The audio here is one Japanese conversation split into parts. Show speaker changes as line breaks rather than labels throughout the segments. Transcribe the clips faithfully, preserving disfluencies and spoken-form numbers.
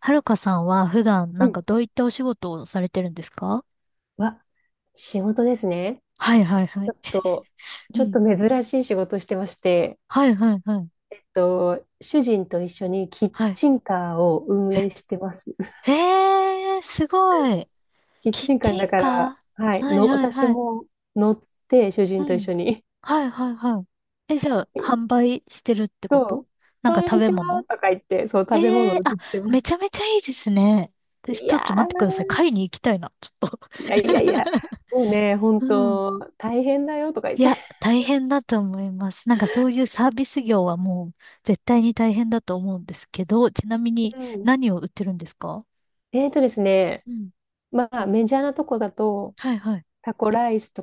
はるかさんは普段
う
なんか
ん。
どういったお仕事をされてるんですか？
わ、仕事ですね。
はいはいは
ち
い。
ょっと、
う
ちょっ
ん。
と珍しい仕事してまして、
はいはいはい。
えっと、主人と一緒にキッ
はい。
チンカーを運営してます。
え、えー、すごい。
キッ
キッ
チンカー
チ
だ
ン
か
カ
ら、
ー、
はい、
はい
の、
はい
私
はい。
も乗って、主
う
人と一
ん。
緒に。
はいはいはい。え、じゃあ、販売してるってこ
そ
と、
う、
なん
こ
か
ん
食
に
べ
ちは
物？
とか言って、そう、食べ
え
物
えー、
を売
あ、
ってま
めちゃ
す。
めちゃいいですね。で、ち
いや
ょっと待ってください。買いに行きたいな、ちょっと。
ー、いやいやいや、もうね、本
うん。
当大変だよとか言っ
い
て。
や、大変だと思います。なんかそういうサービス業はもう絶対に大変だと思うんですけど、ちなみに
うん。
何を売ってるんですか？
えーとですね、
うん。
まあ、メジャーなとこだと、
はいはい。
タコライスと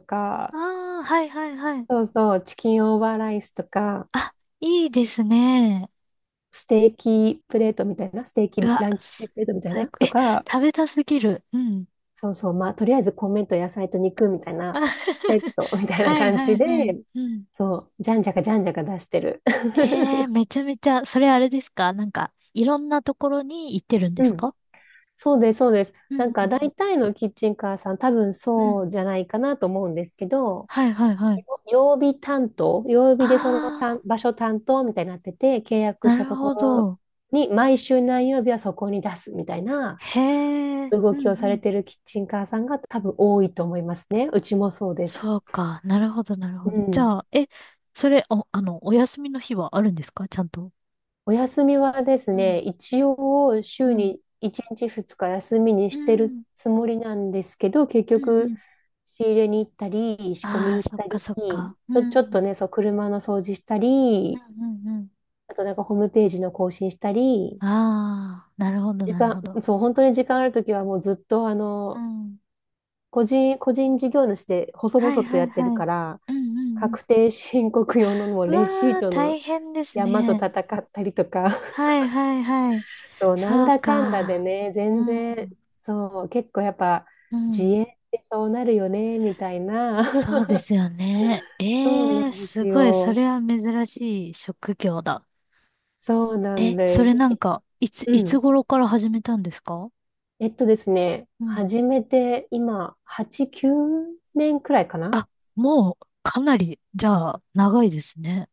あ
か、
あ、はいはいはい。
そうそう、チキンオーバーライスとか、
あ、いいですね。
ステーキプレートみたいな、ステーキ
うわ、
ランチプレートみたい
最
な
高。
と
え、
か、
食べたすぎる。うん。
そうそう、まあ、とりあえず米と野菜と肉みたい
あ
な、セットみたいな
はい
感
は
じ
い
で、
はい。うん。
そう、じゃんじゃかじゃんじゃか出してる。
え え、めちゃめちゃ、それあれですか、なんか、いろんなところに行ってるんで
う
す
ん。
か？
そうです、そうです。
う
なん
んう
か
ん
大体のキッチンカーさん、多分
うん。うん。
そうじゃないかなと思うんですけど、
はいはいはい。
曜日担当、曜日でその担
あ
場所担当みたいになってて、契
あ、
約
な
した
る
とこ
ほ
ろ
ど。
に毎週何曜日はそこに出すみたいな
へえ、
動
うん
きをさ
う
れ
ん。
てるキッチンカーさんが多分多いと思いますね。うちもそうです。
そうか。なるほど、なるほ
う
ど。じ
ん。
ゃあ、え、それ、お、あの、お休みの日はあるんですか、ちゃんと。
お休みはです
うん、
ね、一応
う
週
ん、
にいちにちふつか休みに
う
してる
ん、
つもりなんですけど、結
うん、う
局
ん。
仕入れに行ったり、仕込
あ
み
あ、
行っ
そっ
た
か、
り、
そっか。う
ちょ、
ん、う
ちょっと
ん、
ね、そう、車の掃除した
う
り、
ん、うん。
あとなんかホームページの更新したり、
ああ、なるほど、
時
なる
間、
ほど。
そう、本当に時間あるときはもうずっとあ
う
の、
ん。
個人、個人事業主で細
はい、
々と
は
や
い、
ってる
はい。
から、
うん、うん、うん。
確定申告用のもう
う
レシ
わ
ー
あ、
トの
大変です
山と
ね。
戦ったりとか、
はい、はい、はい。
そう、なん
そう
だかんだで
か。
ね、
う
全然、
ん、
そう、結構やっぱ
う
自
ん。
営ってそうなるよね、みたいな。
そうです よね。
そう
ええ
な
ー、
んで
す
す
ごい。そ
よ。
れは珍しい職業だ。
そうなん
え、そ
で
れ
す。
なん
ひ
か、いつ、
う
いつ
ん。
頃から始めたんですか？
えっとですね、
うん。
始めて今、はち、きゅうねんくらいかな。
あ、もう、かなり、じゃあ、長いですね。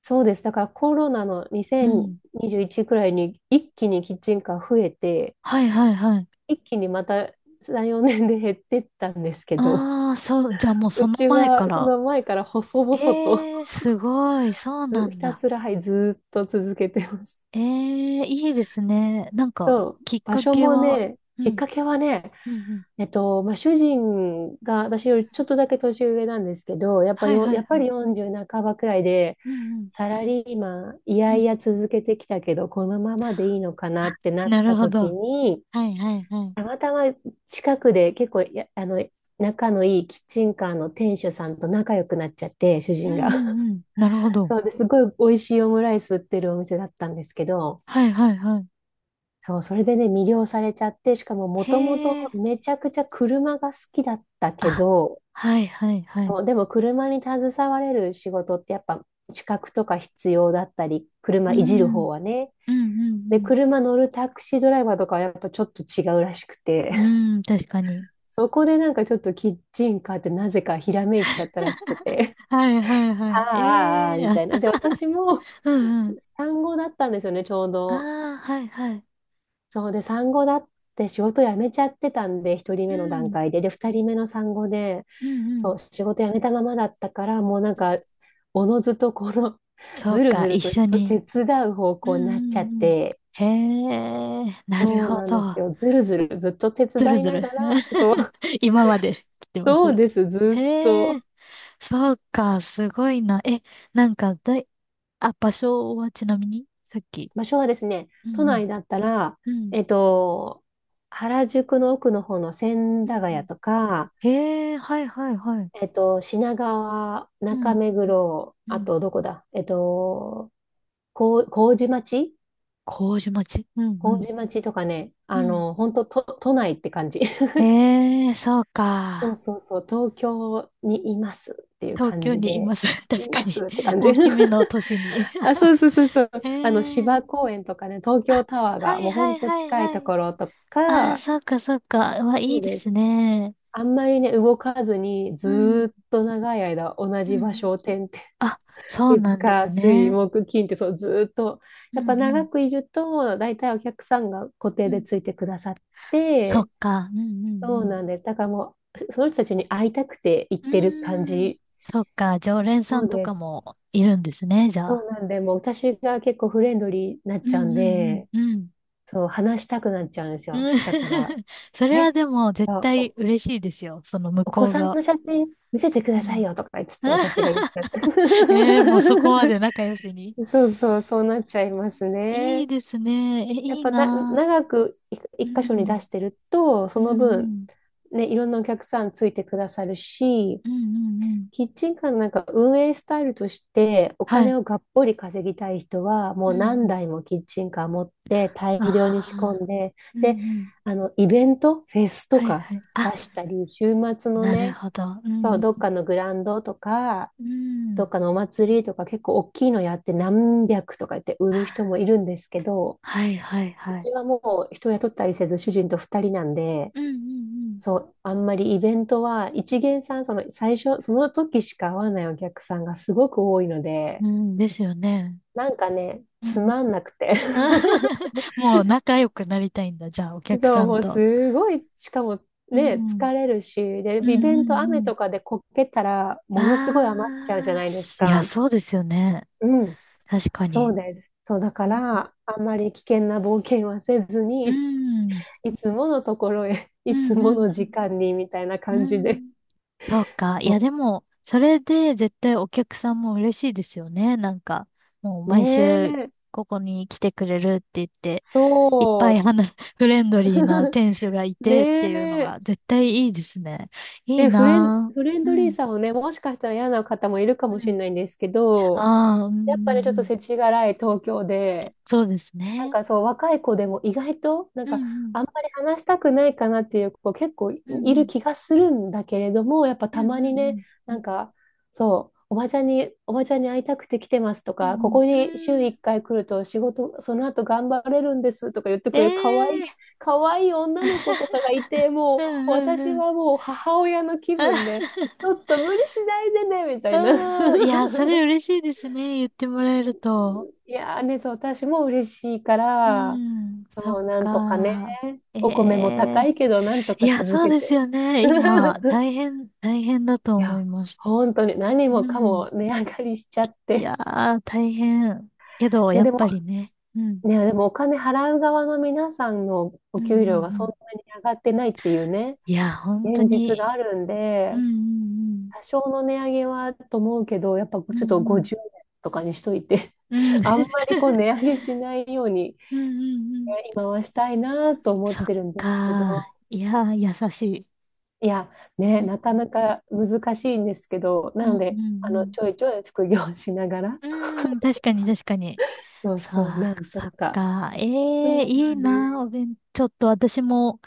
そうです。だからコロナの
うん。
にせんにじゅういちくらいに一気にキッチンカー増えて、
はいはいはい。
一気にまたさん、よねんで減ってったんですけど、
ああ、そう、じゃあ もうそ
う
の
ち
前か
はそ
ら。
の前から細々と
ええー、すごい。そうな
ずひ
ん
た
だ。
すら、はい、ずーっと続けてます。
ええー、いいですね。なんか、
そう、
きっ
場
か
所
け
も
は、
ね、
う
きっ
ん、
かけはね、
うん、うん。
えっと、まあ、主人が私よりちょっとだけ年上なんですけど、やっぱ
はい
よ、
はい
やっ
は
ぱ
い。
りよんじゅう半ばくらいで、
うん、うん、
サラリーマン、い
う
やい
ん。
や続けてきたけど、このままでいいのかなってなっ
なる
た
ほ
時
ど。
に、
はいはいはい。
たまたま近くで結構や、あの、仲のいいキッチンカーの店主さんと仲良くなっちゃって、主
う
人が。
んうんうん。なるほ ど。
そうですごい美味しいオムライス売ってるお店だったんですけど、
はいはいはい。
そう、それでね、魅了されちゃって、しかももともと
へえ。
めちゃくちゃ車が好きだったけ
あ、
ど、
はいはいはい。
そう、でも車に携われる仕事ってやっぱ資格とか必要だったり、
う
車いじる
ん。
方はね。
うんう
で、
ん
車乗るタクシードライバーとかはやっぱちょっと違うらしくて、
う ん。うん、確かに。
そこでなんかちょっとキッチンカーってなぜかひらめいちゃったらしく て、
はいは いは
あ
い。
あ、ああ、ああ
ええー
みた
あ
いな。で、私も
うんうん。
産後だったんですよね、ちょう
あ
ど。
あ、はいはい。
そうで、産後だって仕事辞めちゃってたんで、一人
う
目の段
ん。
階で。で、ふたりめの産後で、
うんうん。
そう、仕事辞めたままだったから、もうなんか、おのずとこの、
そう
ずる
か、
ず
一
ると
緒
と
に。
手伝う方
うん
向になっちゃっ
うんうん。
て、
へえ、なる
そう
ほ
なんです
ど。
よ。ずるずるずっと手
ずる
伝い
ず
な
る。
がら、そう、
今まで来てます。
そうです、ずっ
へ
と。
え。そうか、すごいな。え、なんかだい、あ、場所はちなみにさっき。
場所はですね、
う
都
んうん。
内だったら、
うん。
えっと、原宿の奥の方の千
うんう
駄ヶ谷
ん。
とか、
へえ、はいはいはい。
えっと、品川、
うんう
中
ん
目黒、
うん。う
あ
ん、
とどこだえっと、こう、麹町
麹町、うんうん。
麹町とかね、
う
あ
ん。
の、本当と、都内って感じ。
へえ、そう
そう
か。
そうそう、東京にいますっていう
東
感
京
じ
にい
で、
ます。
い
確か
ま
に。
すって 感じ。
大きめ の都市に。
あ、そ うそうそうそう。
へ
あの、
え。
芝公園とかね、東京タワー
は
が
い
もう
は
本
い
当
はい
近い
は
と
い。
ころと
ああ、
か、
そうかそうか。わ、い
そ
い
う
で
です。
すね。
あんまりね、動かずに、ず
うん。う
ーっ
ん
と長い間同
う
じ場
ん。
所を転々、
あ、そう
月
なんで
火
す
水
ね。
木金って、そうずーっと。
う
やっぱ長
ん
くいると大体お客さんが固
う
定で
ん。
ついてくださっ
そっ
て、
か。うんう
そう
ん
なんです。だからもうその人たちに会いたくて行っ
う
てる感
ん。うーん。
じ。
そっか。常連さ
そう
んと
で
か
す。
もいるんですね、じゃ
そ
あ。
うなんでもう私が結構フレンドリーになっ
うん
ちゃうん
うん
で、
うんうん。
そう話したくなっちゃうんですよ。
うん
だから
それは
え
でも絶
あ
対
お、
嬉しいですよ。その向
お子
こう
さん
が。
の写真見せてく
う
ださい
ん。
よとか言っつって私が言っちゃっ
ええー、もうそこまで仲良しに。
そうそう、そうなっちゃいます
いい
ね。
ですね。え、
やっ
いい
ぱな、
な
長くい
ぁ。う
一箇所に出
ん。
してると、
う
その分、
ん
ね、いろんなお客さんついてくださるし、
うんうんうん、うん、
キッチンカーのなんか運営スタイルとしてお
は
金
い。
をがっぽり稼ぎたい人は
う
も
ん
う
う
何
ん、
台もキッチンカー持って大
あ
量に仕込
あ。
んで、
うん
で、
うん、
あのイベント、フェスと
はい
か
はい。あ、
出したり、週末の
なる
ね、
ほど。う
そう、
ん
どっかのグランドとか、
うん。う
どっ
ん、
かのお祭りとか結構大きいのやってなんびゃくとか言って売る人もいるんですけど、
はいはい
う
はい。
ちはもう人雇ったりせず、主人とふたりなんで、
うんうん
そう、あんまりイベントは、一元さん、その最初、その時しか会わないお客さんがすごく多いの
う
で、
ん、うんですよね。
なんかね、
うん。
つ
うん。
まんなくて。
もう仲良くなりたいんだ、じゃあ、お客
そう、
さ
も
ん
う
と。
すごい、しかも
う
ね、
ん。
疲れるし、で、
う
イ
んう
ベント
ん
雨
うん。
とかでこけたら、ものすごい余っちゃうじゃ
あ
な
あ、
いです
いや、
か。
そうですよね。
うん、
確か
そう
に。
です。そう、だか
うん。
ら、あんまり危険な冒険はせず
う
に、
ん
いつものところへ、
う
い
ん
つ
う
も
ん
の
う
時
ん。
間に、みたいな
う
感じで
ん。そうか。いや、でも、それで絶対お客さんも嬉しいですよね。なんか、もう毎
ね
週
え、
ここに来てくれるって言って、いっぱ
そ
い話、フレンドリーな店主がい
う、
てっていうの
ね
が
え、
絶対いいですね。いい
ね、フレン、
な
フレン
ぁ。う
ドリー
ん。
さをね、もしかしたら嫌な方もいるか
う
もしれ
ん。
ないんですけど、
ああ、うん、う
やっぱりちょっ
ん、う
と
ん。
世知辛い東京で、
そうです
なん
ね。
かそう、若い子でも意外と、なん
う
か、
ん、
あんまり話したくないかなっていう子結構い
うん、う
る
ん、
気がするんだけれども、やっぱ
うん、
た
うん、
ま
う
にね、
ん、う
なん
ん、
か、そう、おばちゃんに、おばちゃんに会いたくて来てますと
うん、う
か、こ
ん
こ
う
に週
ん。う
1
ん、
回来ると仕事、その後頑張れるんですとか言って
え
くれる可愛い、
えー。
可愛い女の子とかがいて、も
うん、
う
うん、
私
うん。
はもう母親の気分で、ちょ っと無理しないでね、みたいな。
うん。いや、それ 嬉しいですね。言ってもらえると。
いやーね、そう、私も嬉しいか
う
ら、
ん。そ
そ
っ
う、なんとかね、
か。え
お米も高
え、
いけど、なんと
い
か
や、
続
そう
け
です
て。
よね。今、大変、大変だと
い
思
や、
います。
本当に何
う
もか
ん。
も値上がりしちゃっ
い
て。
やー、大変。けど、
ね、
やっ
でも、
ぱりね。うん。
ね、でもお金払う側の皆さんの
う
お
んうんう
給料がそん
ん。
なに上がってないっていうね、
いや、本当
現実
に。
があるん
う
で、
ん
多少の値上げはと思うけど、やっぱちょっ
うんう
と
ん。
ごじゅうえんとかにしといて、
うんうん。うん。
あんまりこう 値上げしないように
うんうんうん。
今はしたいなと思っ
そっ
てるんですけど、
かー。いやー、優しい。
いや、ね、
うん
なか
う
なか難しいんですけど、な
んうんう
ので、あの、
ん。
ちょいちょい副業しながら、
うん、確かに確かに。
そう
さ
そう、
あ、
なんと
そっ
か。
か。ええ、
そう
い
な
い
んで
な、お
す。
弁、ちょっと私も、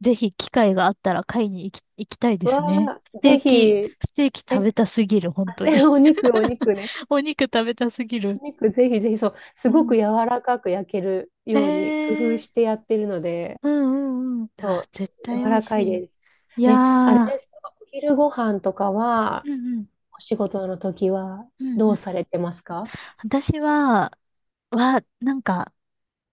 ぜひ機会があったら買いに行き、行きたいですね。
わあ、
ステ
ぜ
ー
ひ、
キ、
え、
ステーキ食べたすぎる、本
あ
当
ね
に。
お肉、お 肉ね。
お肉食べたすぎ
お
る。
肉、ぜひぜひ、そう、す
う
ごく
ん。
柔らかく焼ける
え
ように工夫して
え、
やってるので、
うんうんうん。う
そ
わ、
う、
絶対美
柔
味
らか
し
い
い。
です。
いや
ね、あれです
ー。
か、お昼ご飯とか
う
は、
んうん。
お仕事の時は、
うん
ど
う
うさ
ん。
れてますか？
私は、は、なんか、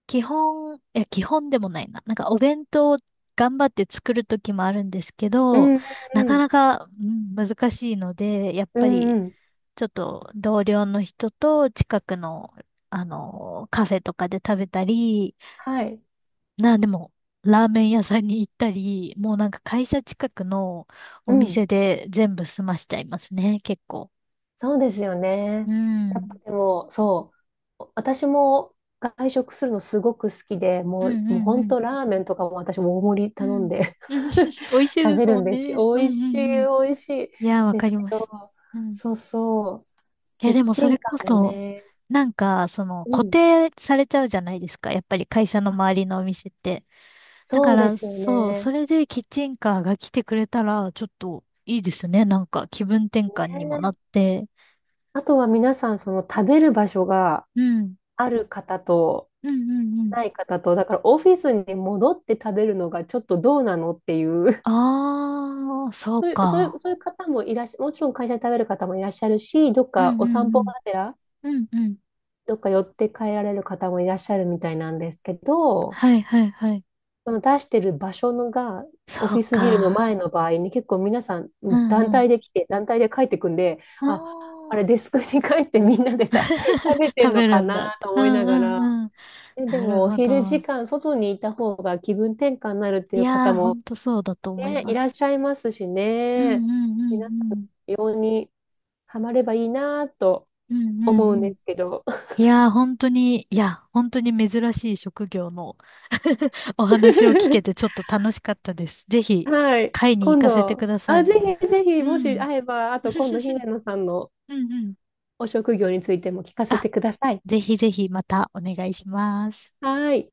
基本、いや、基本でもないな。なんかお弁当を頑張って作る時もあるんですけ
う
ど、
ん
な
う
か
ん
なか、うん、難しいので、やっ
う
ぱ
んう
り
んうん、
ちょっと同僚の人と近くの、あの、カフェとかで食べたり、
はい。
な、でも、ラーメン屋さんに行ったり、もうなんか会社近くの
う
お
ん。
店で全部済ましちゃいますね、結構。
そうですよ
う
ね。やっぱ
ん。
でも、そう。私も外食するのすごく好きで、
う
も
んう
う、
ん
もう
う
本
ん。
当ラーメンとかも私も大盛り
う
頼ん
ん。
で
美味しい
食
で
べ
す
る
も
ん
ん
ですけ
ね。
ど、
うん
美
う
味
ん
しい、
うん、
美味しい
いやー、わ
で
か
す
り
け
ま
ど、
す。うん。
そうそう。
い
キ
や、
ッ
でもそ
チン
れ
カ
こ
ーも
そ、
ね。
なんか、その、
う
固
ん。
定されちゃうじゃないですか。やっぱり会社の周
あ、
りのお店って。だか
そうで
ら、
すよ
そう、そ
ね。
れでキッチンカーが来てくれたら、ちょっといいですね。なんか、気分転換にもな
ね。
って。
あとは皆さん、その食べる場所が
うん。
ある方と、
うんうんうん。
ない方と、だからオフィスに戻って食べるのがちょっとどうなのっていう、
あー、そ う
そういう、そうい
か。
う、そういう方もいらっしゃ、もちろん会社で食べる方もいらっしゃるし、どっ
う
か
んう
お散歩が
ん
てら、
うん。うんうん。
どっか寄って帰られる方もいらっしゃるみたいなんですけど、
はいはいはい。
その出してる場所のが、オ
そ
フィ
う
スビルの
か。
前の場合に結構皆さん
う
団
んうん。
体で来て、団体で帰ってくんで、あ、
あ
あれデスクに帰ってみんなでた
ー、
食べて
食
んの
べ
か
るんだ。
なと
う
思いな
んう
がら、
んうん。
でで
なる
もお
ほ
昼時
ど。
間外にいた方が気分転換になるってい
い
う方
やー、ほ
も
んとそうだと思い
ね、い
ま
らっ
す。
しゃいますし
うん
ね、
うんうん
皆さ
うん。
ん、ようにハマればいいなと
うんう
思う
ん
ん
う
で
ん。
すけど。
いやー、本当に、いや、本当に珍しい職業の お話を聞けてち ょっと楽しかったです。ぜひ、
はい、
会に行
今
かせてく
度、
ださ
あ、
い。
ぜひぜひ、
う
もし
ん。
会えば、あと今度、姫野さんの
うんうん。
お職業についても聞かせ
あ、
てください。
ぜひぜひまたお願いします。
はい。